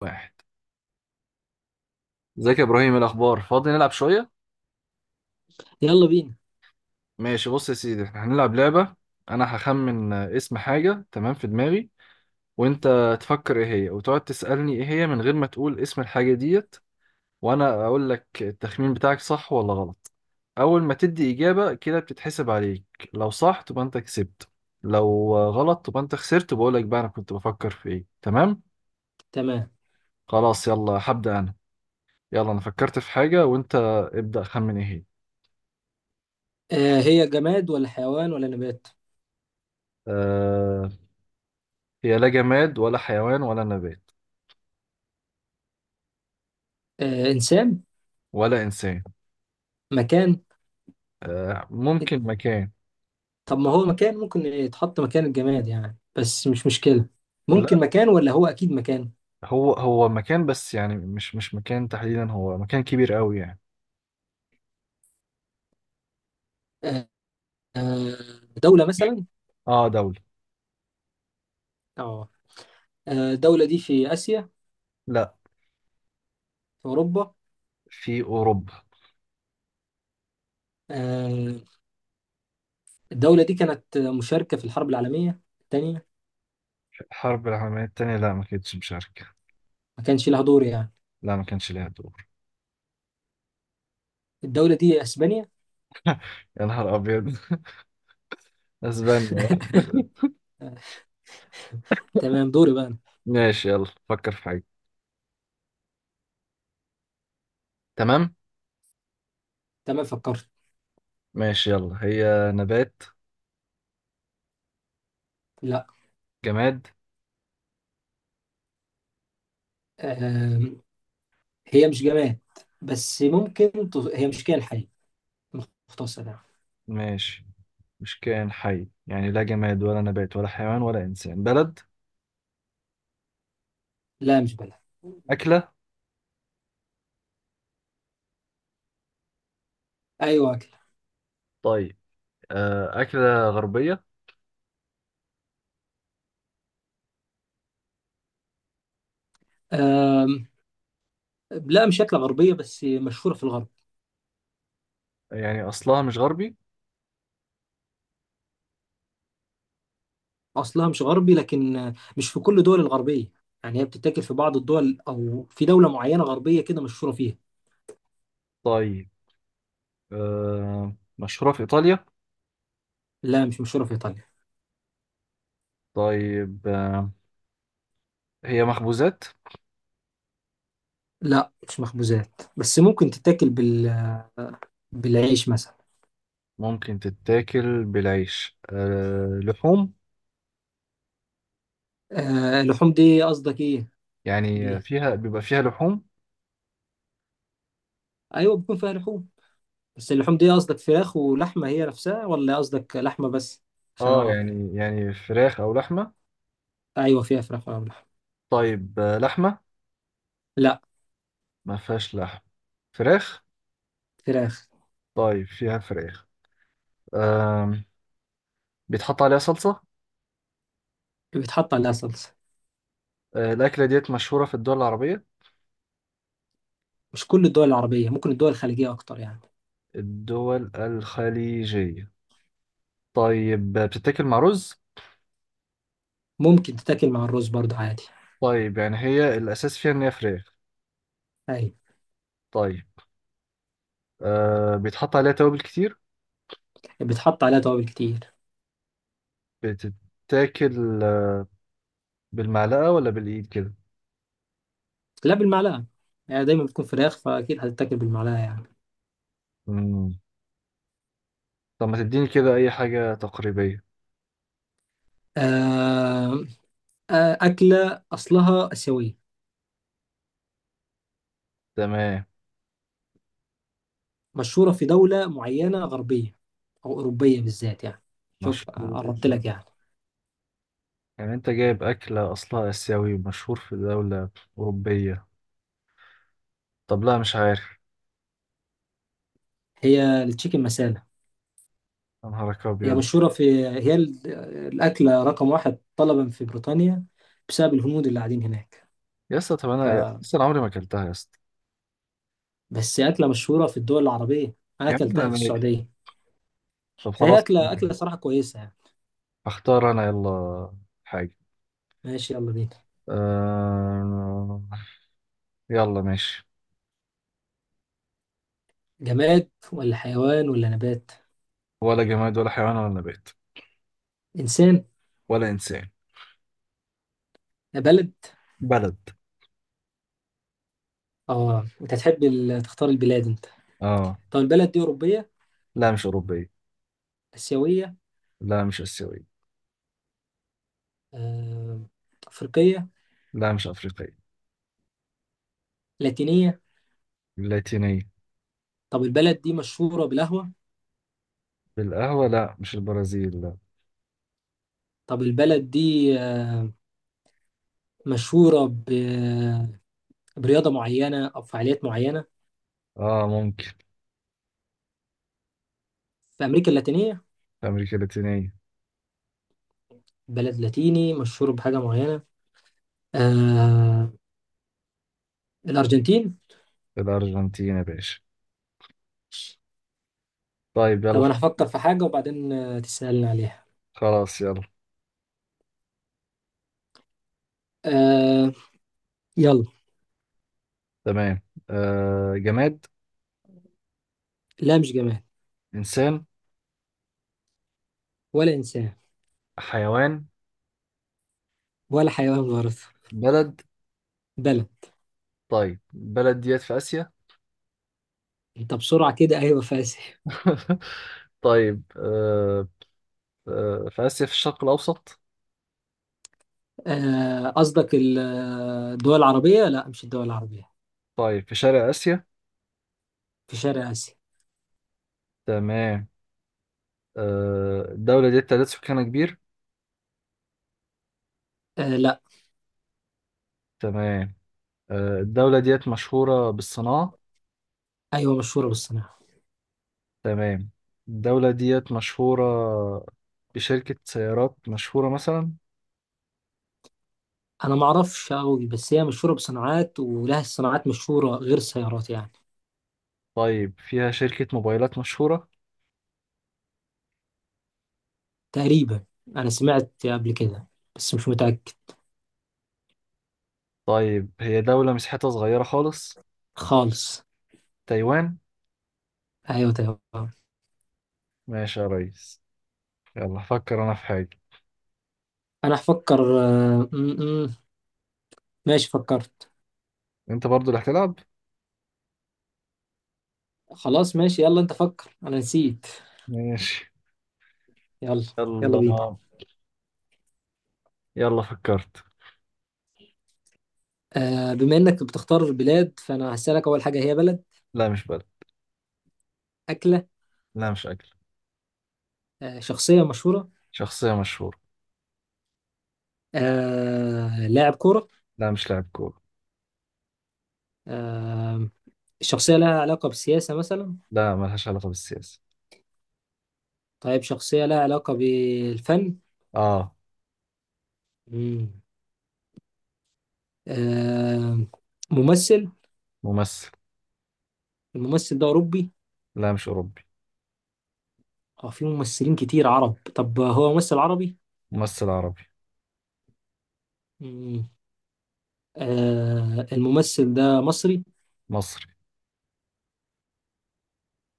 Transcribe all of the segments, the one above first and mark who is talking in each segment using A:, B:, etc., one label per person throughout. A: واحد. ازيك يا ابراهيم؟ إيه الاخبار؟ فاضي نلعب شويه؟
B: يلا بينا.
A: ماشي، بص يا سيدي، احنا هنلعب لعبه. انا هخمن اسم حاجه تمام في دماغي، وانت تفكر ايه هي وتقعد تسالني ايه هي من غير ما تقول اسم الحاجه ديت، وانا اقول لك التخمين بتاعك صح ولا غلط. اول ما تدي اجابه كده بتتحسب عليك. لو صح تبقى انت كسبت، لو غلط تبقى انت خسرت وبقول لك بقى انا كنت بفكر في ايه. تمام؟
B: تمام.
A: خلاص، يلا هبدا انا. يلا انا فكرت في حاجه، وانت ابدا خمن ايه هي.
B: هي جماد ولا حيوان ولا نبات؟
A: أه... هي لا جماد ولا حيوان ولا نبات.
B: إنسان؟
A: ولا إنسان.
B: مكان.
A: آه، ممكن مكان.
B: طب ما هو مكان، ممكن يتحط مكان الجماد يعني، بس مش مشكلة. ممكن
A: لا.
B: مكان ولا هو أكيد مكان؟
A: هو هو مكان، بس يعني مش مكان تحديدا، هو مكان كبير قوي يعني.
B: آه. آه، دولة مثلا؟
A: اه، دولة.
B: اه. الدولة دي في آسيا؟
A: لا.
B: في أوروبا؟
A: في أوروبا.
B: آه. الدولة دي كانت مشاركة في الحرب العالمية الثانية؟
A: الحرب العالمية التانية؟ لا ما كانتش مشاركة.
B: ما كانش لها دور يعني؟
A: لا ما كانش ليها دور.
B: الدولة دي أسبانيا.
A: يا نهار أبيض! أسبانيا؟
B: آه. تمام، دوري بقى أنا.
A: ماشي يلا، فكر في حاجة. تمام.
B: تمام، فكرت.
A: ماشي يلا، هي نبات؟
B: لا.
A: جماد؟
B: آه، هي مش جماد، بس ممكن هي مش كائن حي، مختصر يعني.
A: ماشي. مش كائن حي يعني، لا جماد ولا نبات ولا حيوان ولا إنسان. بلد؟
B: لا، مش بلد.
A: أكلة؟
B: ايوه، اكل.
A: طيب. آه، أكلة غربية؟
B: أم... لا، مش اكله غربيه، بس مشهوره في الغرب.
A: يعني أصلها مش غربي.
B: اصلها مش غربي، لكن مش في كل الدول الغربيه. يعني هي بتتاكل في بعض الدول، او في دوله معينه غربيه كده مشهوره فيها.
A: طيب. آه، مشهورة في إيطاليا؟
B: لا، مش مشهوره في ايطاليا.
A: طيب هي مخبوزات؟
B: لا، مش مخبوزات، بس ممكن تتاكل بالعيش مثلا.
A: ممكن تتاكل بالعيش. لحوم؟
B: اللحوم دي قصدك ايه؟
A: يعني
B: بيها،
A: فيها بيبقى فيها لحوم.
B: ايوه بيكون فيها لحوم. بس اللحوم دي قصدك فراخ ولحمة هي نفسها، ولا قصدك لحمة بس؟ عشان
A: اه،
B: أعرف.
A: يعني فراخ أو لحمة.
B: أيوة فيها فراخ ولا لحمة؟
A: طيب لحمة؟
B: لا.
A: ما فيهاش لحم. فراخ.
B: فراخ.
A: طيب فيها فراخ. آم، بيتحط عليها صلصة؟
B: بيتحط عليها صلصة.
A: آه، الأكلة ديت مشهورة في الدول العربية؟
B: مش كل الدول العربية، ممكن الدول الخليجية أكتر يعني.
A: الدول الخليجية. طيب بتتاكل مع رز؟
B: ممكن تتاكل مع الرز برضه عادي.
A: طيب يعني هي الأساس فيها إن هي فراخ.
B: أيوة.
A: طيب بيتحط عليها توابل كتير.
B: بيتحط عليها توابل كتير.
A: بتتاكل بالمعلقة ولا بالإيد كده؟
B: لا، بالمعلقة. يعني دايما بتكون فراخ فأكيد هتتاكل بالمعلقة يعني.
A: مم. طب ما تديني كده أي حاجة تقريبية.
B: آه. أكلة أصلها آسيوية،
A: تمام.
B: مشهورة في دولة معينة غربية، أو أوروبية بالذات يعني. شوف،
A: مشهور؟
B: قربت لك يعني.
A: يعني أنت جايب أكلة أصلها آسيوي ومشهور في دولة أوروبية؟ طب لا، مش عارف.
B: هي التشيكن مسالة.
A: يا نهارك
B: هي
A: أبيض!
B: مشهورة في هي ال- الأكلة رقم واحد طلبا في بريطانيا، بسبب الهنود اللي قاعدين هناك.
A: يا اسطى طب
B: ف...
A: أنا عمري ما أكلتها يا اسطى.
B: بس هي أكلة مشهورة في الدول العربية. أنا
A: يا عم
B: أكلتها
A: أنا
B: في
A: مالي.
B: السعودية.
A: طب
B: فهي
A: خلاص،
B: أكلة صراحة كويسة يعني.
A: أختار أنا يلا حاجة.
B: ماشي، يلا بينا.
A: آه... يلا ماشي.
B: جماد ولا حيوان ولا نبات؟
A: ولا جماد ولا حيوان ولا نبات.
B: إنسان؟
A: ولا إنسان.
B: بلد؟
A: بلد.
B: أنت تحب تختار البلاد أنت.
A: آه.
B: طب البلد دي أوروبية؟
A: لا مش أوروبية.
B: آسيوية؟
A: لا مش آسيوية.
B: آه... أفريقية؟
A: لا مش أفريقية.
B: لاتينية؟
A: اللاتينية؟
B: طب البلد دي مشهورة بالقهوة؟
A: بالقهوة؟ لا مش البرازيل، لا.
B: طب البلد دي آه، مشهورة برياضة معينة أو فعاليات معينة؟
A: آه ممكن.
B: في أمريكا اللاتينية.
A: في أمريكا اللاتينية.
B: بلد لاتيني مشهور بحاجة معينة. آه. الأرجنتين.
A: في الأرجنتين يا باشا! طيب
B: طب
A: يلا.
B: أنا هفكر في حاجة وبعدين تسألني عليها.
A: خلاص يلا.
B: آه. يلا.
A: تمام. آه، جماد؟
B: لا، مش جماد.
A: إنسان؟
B: ولا إنسان.
A: حيوان؟
B: ولا حيوان برضه.
A: بلد؟
B: بلد.
A: طيب بلد ديت في آسيا؟
B: أنت بسرعة كده، أيوة فاسح.
A: طيب آه، في آسيا في الشرق الأوسط؟
B: قصدك الدول العربية؟ لا، مش الدول العربية.
A: طيب في شرق آسيا.
B: في شرق آسيا.
A: تمام. آه، الدولة ديت تعداد سكانها كبير؟
B: لا.
A: تمام. آه، الدولة ديت مشهورة بالصناعة؟
B: أيوة مشهورة بالصناعة.
A: تمام. الدولة ديت مشهورة بشركة سيارات مشهورة مثلا؟
B: أنا معرفش أوي، بس هي مشهورة بصناعات، ولها صناعات مشهورة غير السيارات يعني.
A: طيب فيها شركة موبايلات مشهورة؟
B: تقريبا، انا سمعت قبل كده بس مش متأكد.
A: طيب هي دولة مساحتها صغيرة خالص.
B: خالص.
A: تايوان؟
B: ايوه تمام.
A: ماشي يا ريس. يلا فكر أنا في حاجة.
B: انا هفكر آه، م- م. ماشي، فكرت.
A: أنت برضو اللي هتلعب.
B: خلاص، ماشي، يلا انت فكر انا نسيت.
A: ماشي.
B: يلا. يلا بينا.
A: يلا. يلا فكرت.
B: بما انك بتختار بلاد فانا هسألك اول حاجة، هي بلد؟
A: لا مش بلد.
B: أكلة؟
A: لا مش أكل.
B: شخصية مشهورة؟
A: شخصية مشهورة.
B: لاعب كورة؟
A: لا مش لاعب كورة.
B: آه، الشخصية لها علاقة بالسياسة مثلا؟
A: لا ملهاش علاقة بالسياسة.
B: طيب شخصية لها علاقة بالفن.
A: اه.
B: مم. آه، ممثل؟
A: ممثل.
B: الممثل ده أوروبي؟
A: لا مش أوروبي.
B: اه، في ممثلين كتير عرب، طب هو ممثل عربي؟
A: ممثل عربي.
B: مم. الممثل ده مصري؟
A: مصري.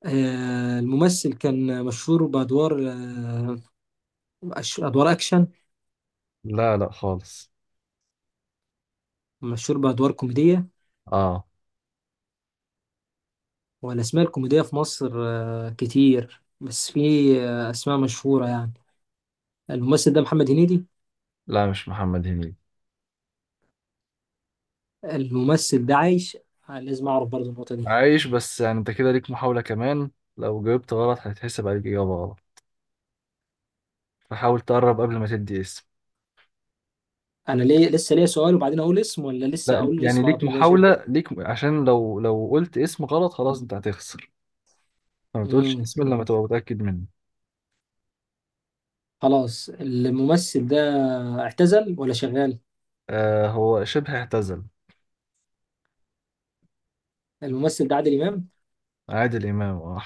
B: الممثل كان مشهور بأدوار أدوار أكشن؟
A: لا لا خالص.
B: مشهور بأدوار كوميدية.
A: آه.
B: والأسماء الكوميدية في مصر كتير، بس في أسماء مشهورة يعني. الممثل ده محمد هنيدي؟
A: لا مش محمد هنيدي.
B: الممثل ده عايش؟ لازم أعرف برضه النقطة دي.
A: عايش، بس يعني أنت كده ليك محاولة كمان. لو جاوبت غلط هيتحسب عليك إجابة غلط. فحاول تقرب قبل ما تدي اسم.
B: أنا ليه لسه ليا سؤال وبعدين أقول اسم، ولا لسه
A: لا،
B: أقول
A: يعني
B: الاسم على
A: ليك
B: طول مباشر؟
A: محاولة، ليك عشان لو قلت اسم غلط خلاص أنت هتخسر. فما تقولش
B: مم.
A: اسم إلا لما تبقى متأكد منه.
B: خلاص، الممثل ده اعتزل ولا شغال؟
A: آه هو شبه اعتزل.
B: الممثل ده عادل إمام.
A: عادل إمام، آه.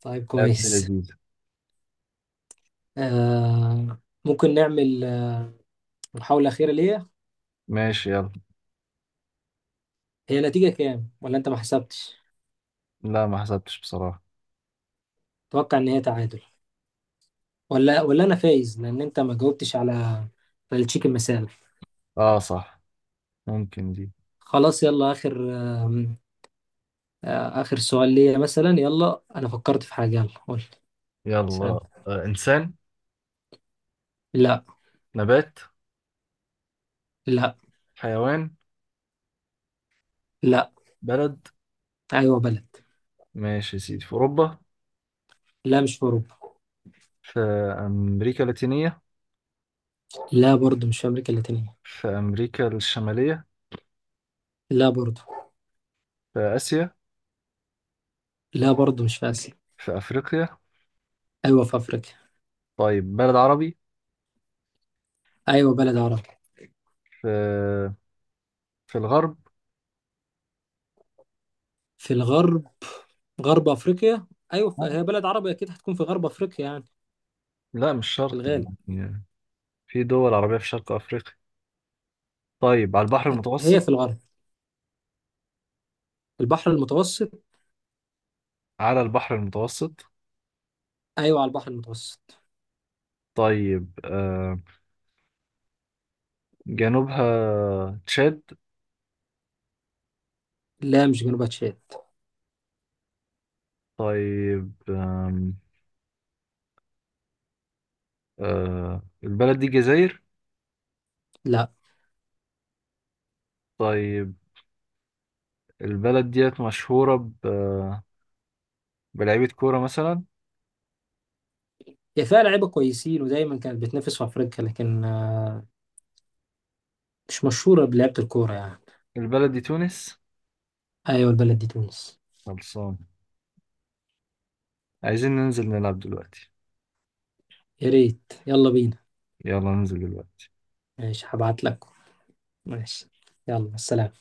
B: طيب،
A: يا ابن
B: كويس.
A: لذيذ!
B: آه ممكن نعمل محاولة أخيرة ليا.
A: ماشي يلا.
B: هي نتيجة كام، ولا أنت ما حسبتش؟
A: لا ما حسبتش بصراحة.
B: أتوقع إن هي تعادل، ولا أنا فايز، لأن أنت ما جاوبتش على التشيكن مثال.
A: آه صح. ممكن دي.
B: خلاص يلا، آخر آه آه، آخر سؤال ليا مثلا، يلا أنا فكرت في حاجة، يلا قول
A: يلا.
B: سأل.
A: آه، إنسان؟
B: لا.
A: نبات؟
B: لا.
A: حيوان؟
B: لا.
A: بلد؟
B: أيوه، بلد.
A: ماشي يا سيدي، في أوروبا؟
B: لا، مش في أوروبا.
A: في أمريكا اللاتينية؟
B: لا برضه، مش في أمريكا اللاتينية.
A: في أمريكا الشمالية؟
B: لا برضه.
A: في آسيا؟
B: لا برضه، مش في آسيا.
A: في أفريقيا؟
B: أيوه، في أفريقيا.
A: طيب بلد عربي.
B: أيوه، بلد عربي.
A: في في الغرب؟
B: في الغرب، غرب افريقيا. ايوه، هي بلد عربي اكيد هتكون في غرب افريقيا يعني.
A: لا مش
B: في
A: شرط.
B: الغالب.
A: يعني في دول عربية في شرق أفريقيا. طيب على البحر
B: هي
A: المتوسط؟
B: في الغرب، البحر المتوسط.
A: على البحر المتوسط.
B: ايوه، على البحر المتوسط.
A: طيب جنوبها تشاد؟
B: لا، مش جنوب تشاد.
A: طيب البلد دي جزائر؟
B: لا.
A: طيب البلد ديت مشهورة بلعيبة كورة مثلا؟
B: هي فيها لعيبه كويسين، ودايما كانت بتنافس في افريقيا، لكن مش مشهوره بلعبه الكوره يعني.
A: البلد دي تونس؟
B: ايوه، البلد دي تونس.
A: خلصان. عايزين ننزل نلعب دلوقتي.
B: يا ريت، يلا بينا.
A: يلا ننزل دلوقتي.
B: ماشي، هبعت لك. ماشي. يلا، السلام.